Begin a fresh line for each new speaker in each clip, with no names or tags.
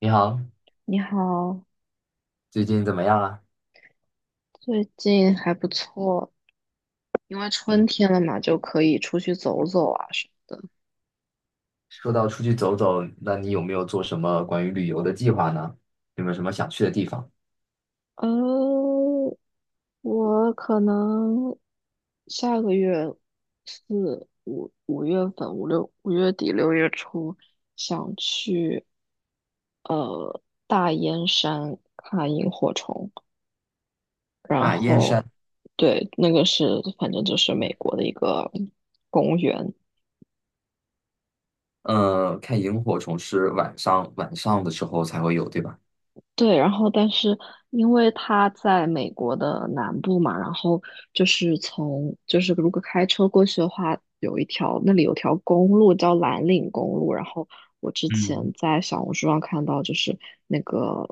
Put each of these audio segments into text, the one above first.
你好，
你好，
最近怎么样啊？
最近还不错，因为春
嗯，
天了嘛，就可以出去走走啊什么的。
说到出去走走，那你有没有做什么关于旅游的计划呢？有没有什么想去的地方？
呃，我可能下个月四五五月份五六5月底6月初想去呃大燕山看萤火虫，然
啊，燕
后
山，
对，那个是反正就是美国的一个公园，
看萤火虫是晚上的时候才会有，对吧？
对，然后但是因为它在美国的南部嘛，然后就是就是如果开车过去的话，有一条那里有条公路叫蓝岭公路，然后我之前
嗯，
在小红书上看到，就是那个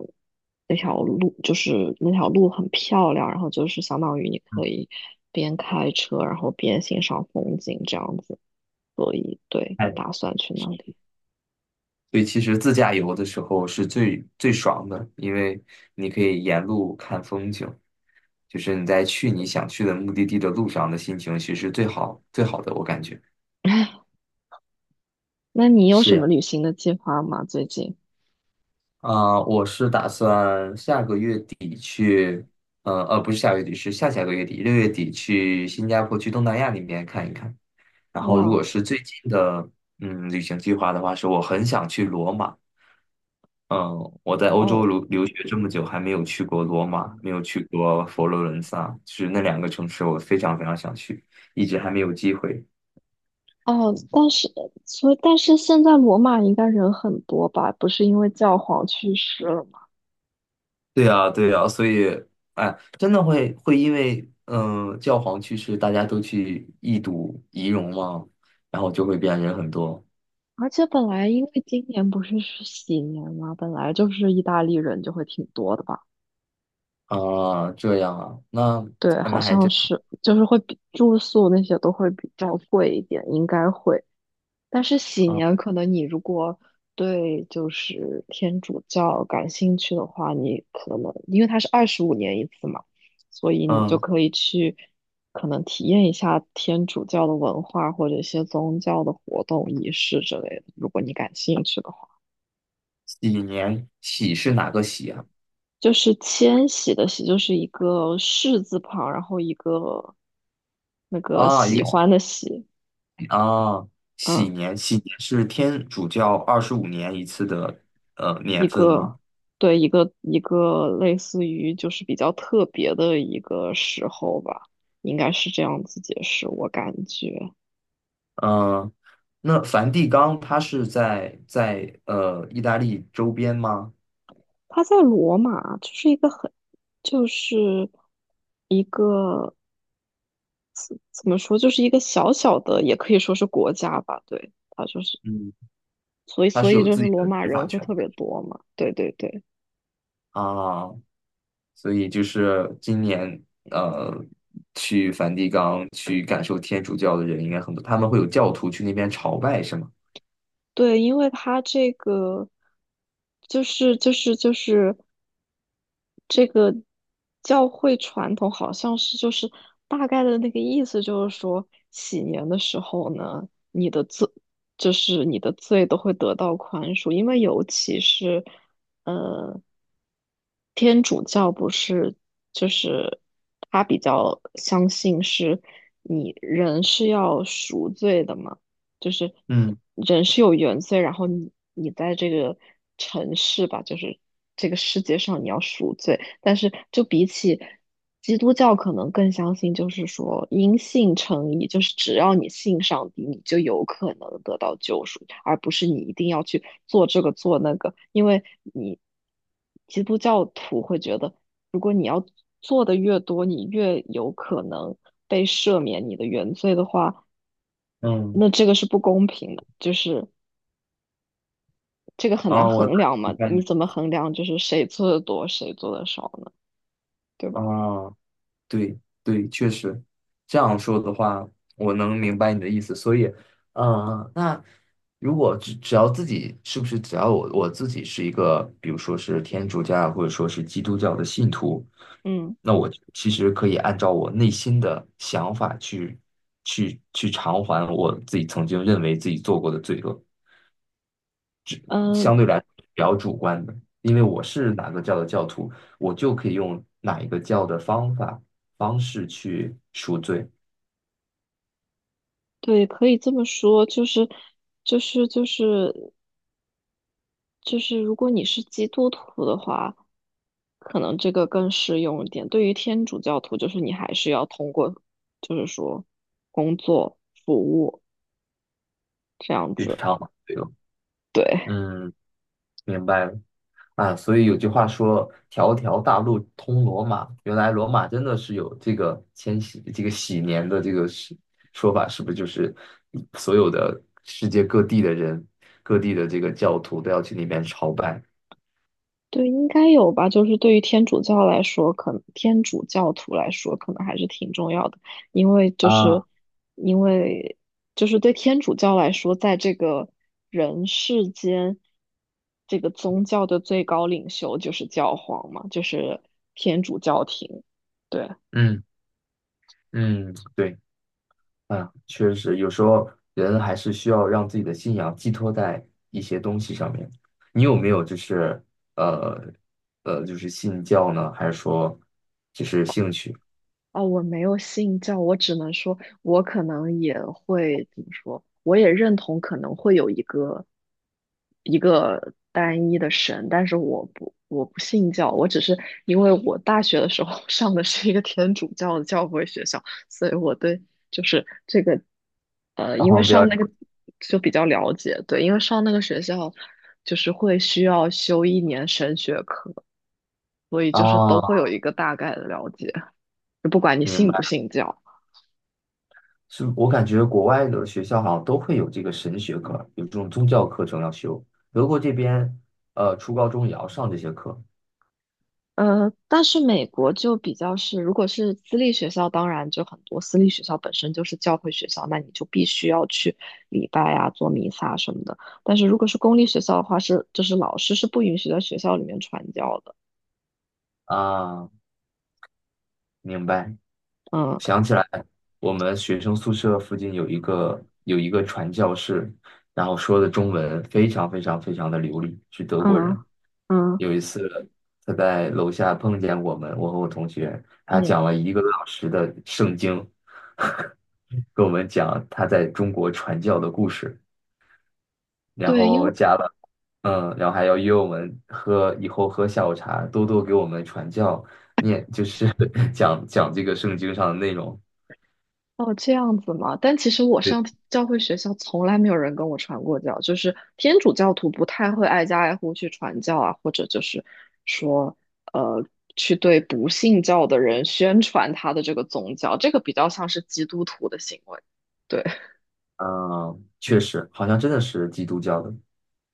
那条路很漂亮，然后就是相当于你
嗯
可以边开车，然后边欣赏风景这样子，所以对，
哎，
打算去那里。
所以其实自驾游的时候是最最爽的，因为你可以沿路看风景，就是你在去你想去的目的地的路上的心情，其实最好最好的，我感觉。
那你有
是
什
呀。
么旅行的计划吗？最近？
啊、我是打算下个月底去，不是下个月底，是下下个月底，六月底去新加坡，去东南亚那边看一看。然后，如果
哇。
是最近的，旅行计划的话，是我很想去罗马。嗯，我在欧洲
哦，
留学这么久，还没有去过罗马，没有去过佛罗伦萨，就是那两个城市，我非常非常想去，一直还没有机会。
哦，但是现在罗马应该人很多吧？不是因为教皇去世了吗？
对呀，对呀，所以，哎，真的会因为，教皇去世，大家都去一睹遗容吗？然后就会变人很多
而且本来因为今年不是喜年嘛，本来就是意大利人就会挺多的吧？
啊，这样啊，那
对，好
那还
像
真
是，就是会比住宿那些都会比较贵一点，应该会。但是喜
啊，
年可能你如果对就是天主教感兴趣的话，你可能因为它是25年一次嘛，所以你就
嗯，
可以去可能体验一下天主教的文化或者一些宗教的活动仪式之类的，如果你感兴趣的话。
喜年喜是哪个喜啊？
就是千徙的徙，就是一个士字旁，然后那个
啊，一
喜
个喜
欢的喜，
啊，喜
嗯。
年喜年是天主教25年一次的年
一
份
个
吗？
对，一个类似于就是比较特别的一个时候吧，应该是这样子解释，我感觉
嗯，那梵蒂冈它是在意大利周边吗？
他在罗马就是一个很就是一个怎么说，就是一个小小的，也可以说是国家吧，对，他就是
嗯。
所以
它
所
是
以
有
就是
自己
罗
的
马
执法
人会
权
特
的
别多嘛，对对对。
啊，所以就是今年呃，去梵蒂冈去感受天主教的人应该很多，他们会有教徒去那边朝拜，是吗？
对，因为他这个就是这个教会传统好像是就是大概的那个意思，就是说喜年的时候呢，你的罪都会得到宽恕，因为尤其是呃天主教不是就是他比较相信是你人是要赎罪的嘛。就是
嗯
人是有原罪，然后你在这个城市吧，就是这个世界上你要赎罪，但是就比起基督教，可能更相信就是说因信称义，就是只要你信上帝，你就有可能得到救赎，而不是你一定要去做这个做那个，因为你基督教徒会觉得，如果你要做的越多，你越有可能被赦免你的原罪的话。
嗯，
那这个是不公平的，就是这个很难
啊，我大
衡
概
量
明
嘛？
白
你
你，
怎么衡量就是谁做的多，谁做的少呢？对
啊。
吧？
对对，确实，这样说的话，我能明白你的意思。所以，那如果只要自己是不是只要我自己是一个，比如说是天主教或者说是基督教的信徒，
嗯
那我其实可以按照我内心的想法去偿还我自己曾经认为自己做过的罪恶。
嗯，
相对来说比较主观的，因为我是哪个教的教徒，我就可以用哪一个教的方法方式去赎罪，
对，可以这么说，就是就是就是，如果你是基督徒的话，可能这个更适用一点。对于天主教徒，就是你还是要通过，就是说工作服务这样
去
子。
偿还罪恶。
对。
嗯，明白了啊。所以有句话说“条条大路通罗马”，原来罗马真的是有这个千禧这个禧年的这个是说法，是不是就是所有的世界各地的人、各地的这个教徒都要去那边朝拜
对，应该有吧。就是对于天主教来说，可能天主教徒来说，可能还是挺重要的，因为就是
啊？
因为对天主教来说，在这个人世间，这个宗教的最高领袖就是教皇嘛，就是天主教廷。对。
嗯嗯，对。嗯，确实，有时候人还是需要让自己的信仰寄托在一些东西上面。你有没有就是呃就是信教呢，还是说就是兴趣？
哦，我没有信教，我只能说，我可能也会怎么说，我也认同可能会有一个单一的神，但是我不信教，我只是因为我大学的时候 上的是一个天主教的教会学校，所以我对就是这个
然
因
后
为
比较
上那个就比较了解，对，因为上那个学校就是会需要修一年神学课，所以就是都会
啊，
有一个大概的了解。就不管你
明
信不
白。
信教。
是我感觉国外的学校好像都会有这个神学课，有这种宗教课程要修。德国这边初高中也要上这些课
但是美国就比较是，如果是私立学校，当然就很多私立学校本身就是教会学校，那你就必须要去礼拜啊、做弥撒什么的。但是如果是公立学校的话，是就是老师是不允许在学校里面传教的。
啊，明白。
嗯
想起来，我们学生宿舍附近有一个传教士，然后说的中文非常非常非常的流利，是德国
嗯
人。
嗯
有一次他在楼下碰见我们，我和我同学，他
嗯，
讲了一个多小时的圣经，跟我们讲他在中国传教的故事，然
对，
后加了。然后还要约我们喝，以后喝下午茶，多多给我们传教，念就是 讲讲这个圣经上的内容。
哦，这样子嘛。但其实我
对。
上教会学校从来没有人跟我传过教，就是天主教徒不太会挨家挨户去传教啊，或者就是说，呃，去对不信教的人宣传他的这个宗教，这个比较像是基督徒的行为。对。
嗯，确实，好像真的是基督教的。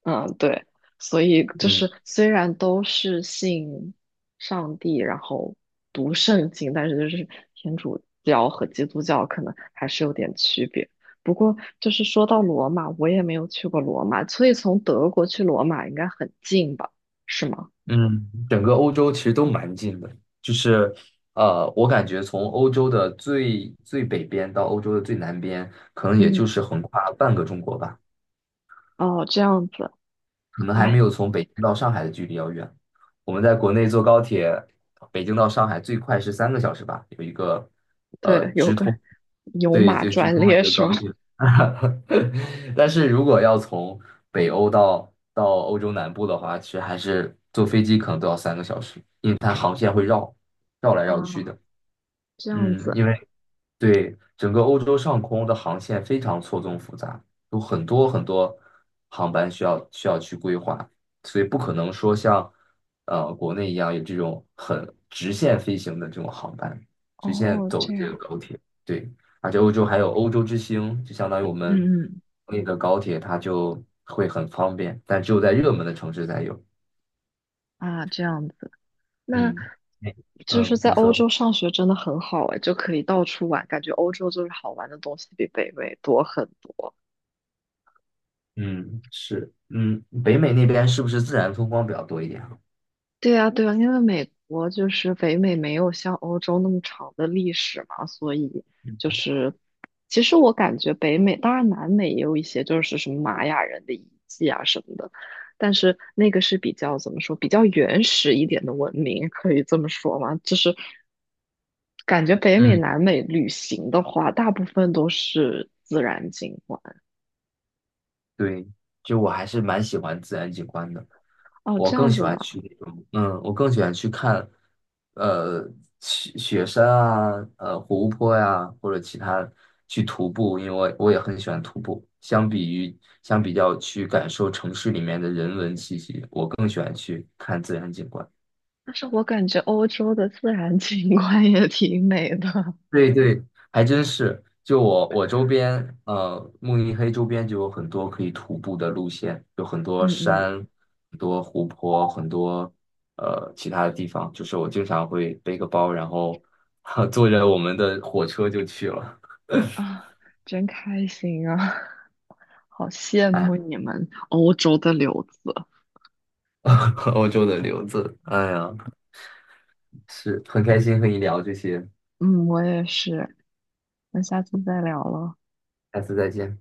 嗯，对，所以就
嗯
是虽然都是信上帝，然后读圣经，但是就是天主教和基督教可能还是有点区别。不过就是说到罗马，我也没有去过罗马，所以从德国去罗马应该很近吧？是吗？
嗯，整个欧洲其实都蛮近的，就是我感觉从欧洲的最最北边到欧洲的最南边，可能也就
嗯，
是横跨半个中国吧。
哦，这样子，
可能还没
哎，
有从北京到上海的距离要远。我们在国内坐高铁，北京到上海最快是三个小时吧，有一个
对，有
直
个
通，
牛
对，
马
就直
专
通的一
列
个
是吗？
高铁。但是如果要从北欧到欧洲南部的话，其实还是坐飞机可能都要三个小时，因为它航线会绕来绕去
啊，
的。
这样
嗯，因
子，
为。对，整个欧洲上空的航线非常错综复杂，有很多很多航班需要去规划，所以不可能说像国内一样有这种很直线飞行的这种航班，直线
哦，
走的
这
这个
样，
高铁。对，而且欧洲还有欧洲之星，就相当于我们
嗯
那个高铁，它就会很方便，但只有在热门的城市才有。
嗯，啊，这样的。那
嗯哎
就是
嗯，
在
你
欧
说，
洲上学真的很好哎，就可以到处玩，感觉欧洲就是好玩的东西比北美多很多。
嗯是，北美那边是不是自然风光比较多一点啊？
对啊，对啊，因为美国就是北美没有像欧洲那么长的历史嘛，所以就是其实我感觉北美，当然南美也有一些就是什么玛雅人的遗迹啊什么的，但是那个是比较怎么说，比较原始一点的文明，可以这么说吗？就是感觉北美、
嗯。
南美旅行的话，大部分都是自然景观。
对，就我还是蛮喜欢自然景观的，
哦，
我
这
更
样
喜
子
欢
吗？
去那种，我更喜欢去看，呃，雪山啊，湖泊呀、或者其他去徒步，因为我也很喜欢徒步。相比较去感受城市里面的人文气息，我更喜欢去看自然景观。
但是我感觉欧洲的自然景观也挺美的。
对对，还真是。就我周边，慕尼黑周边就有很多可以徒步的路线，有很多
嗯嗯
山、很多湖泊、很多其他的地方。就是我经常会背个包，然后 坐着我们的火车就去了。
啊，真开心啊！好羡
哎，
慕你们欧洲的留子。
欧洲的留子，哎呀，是很开心和你聊这些，
嗯，我也是。那下次再聊了。
下次再见。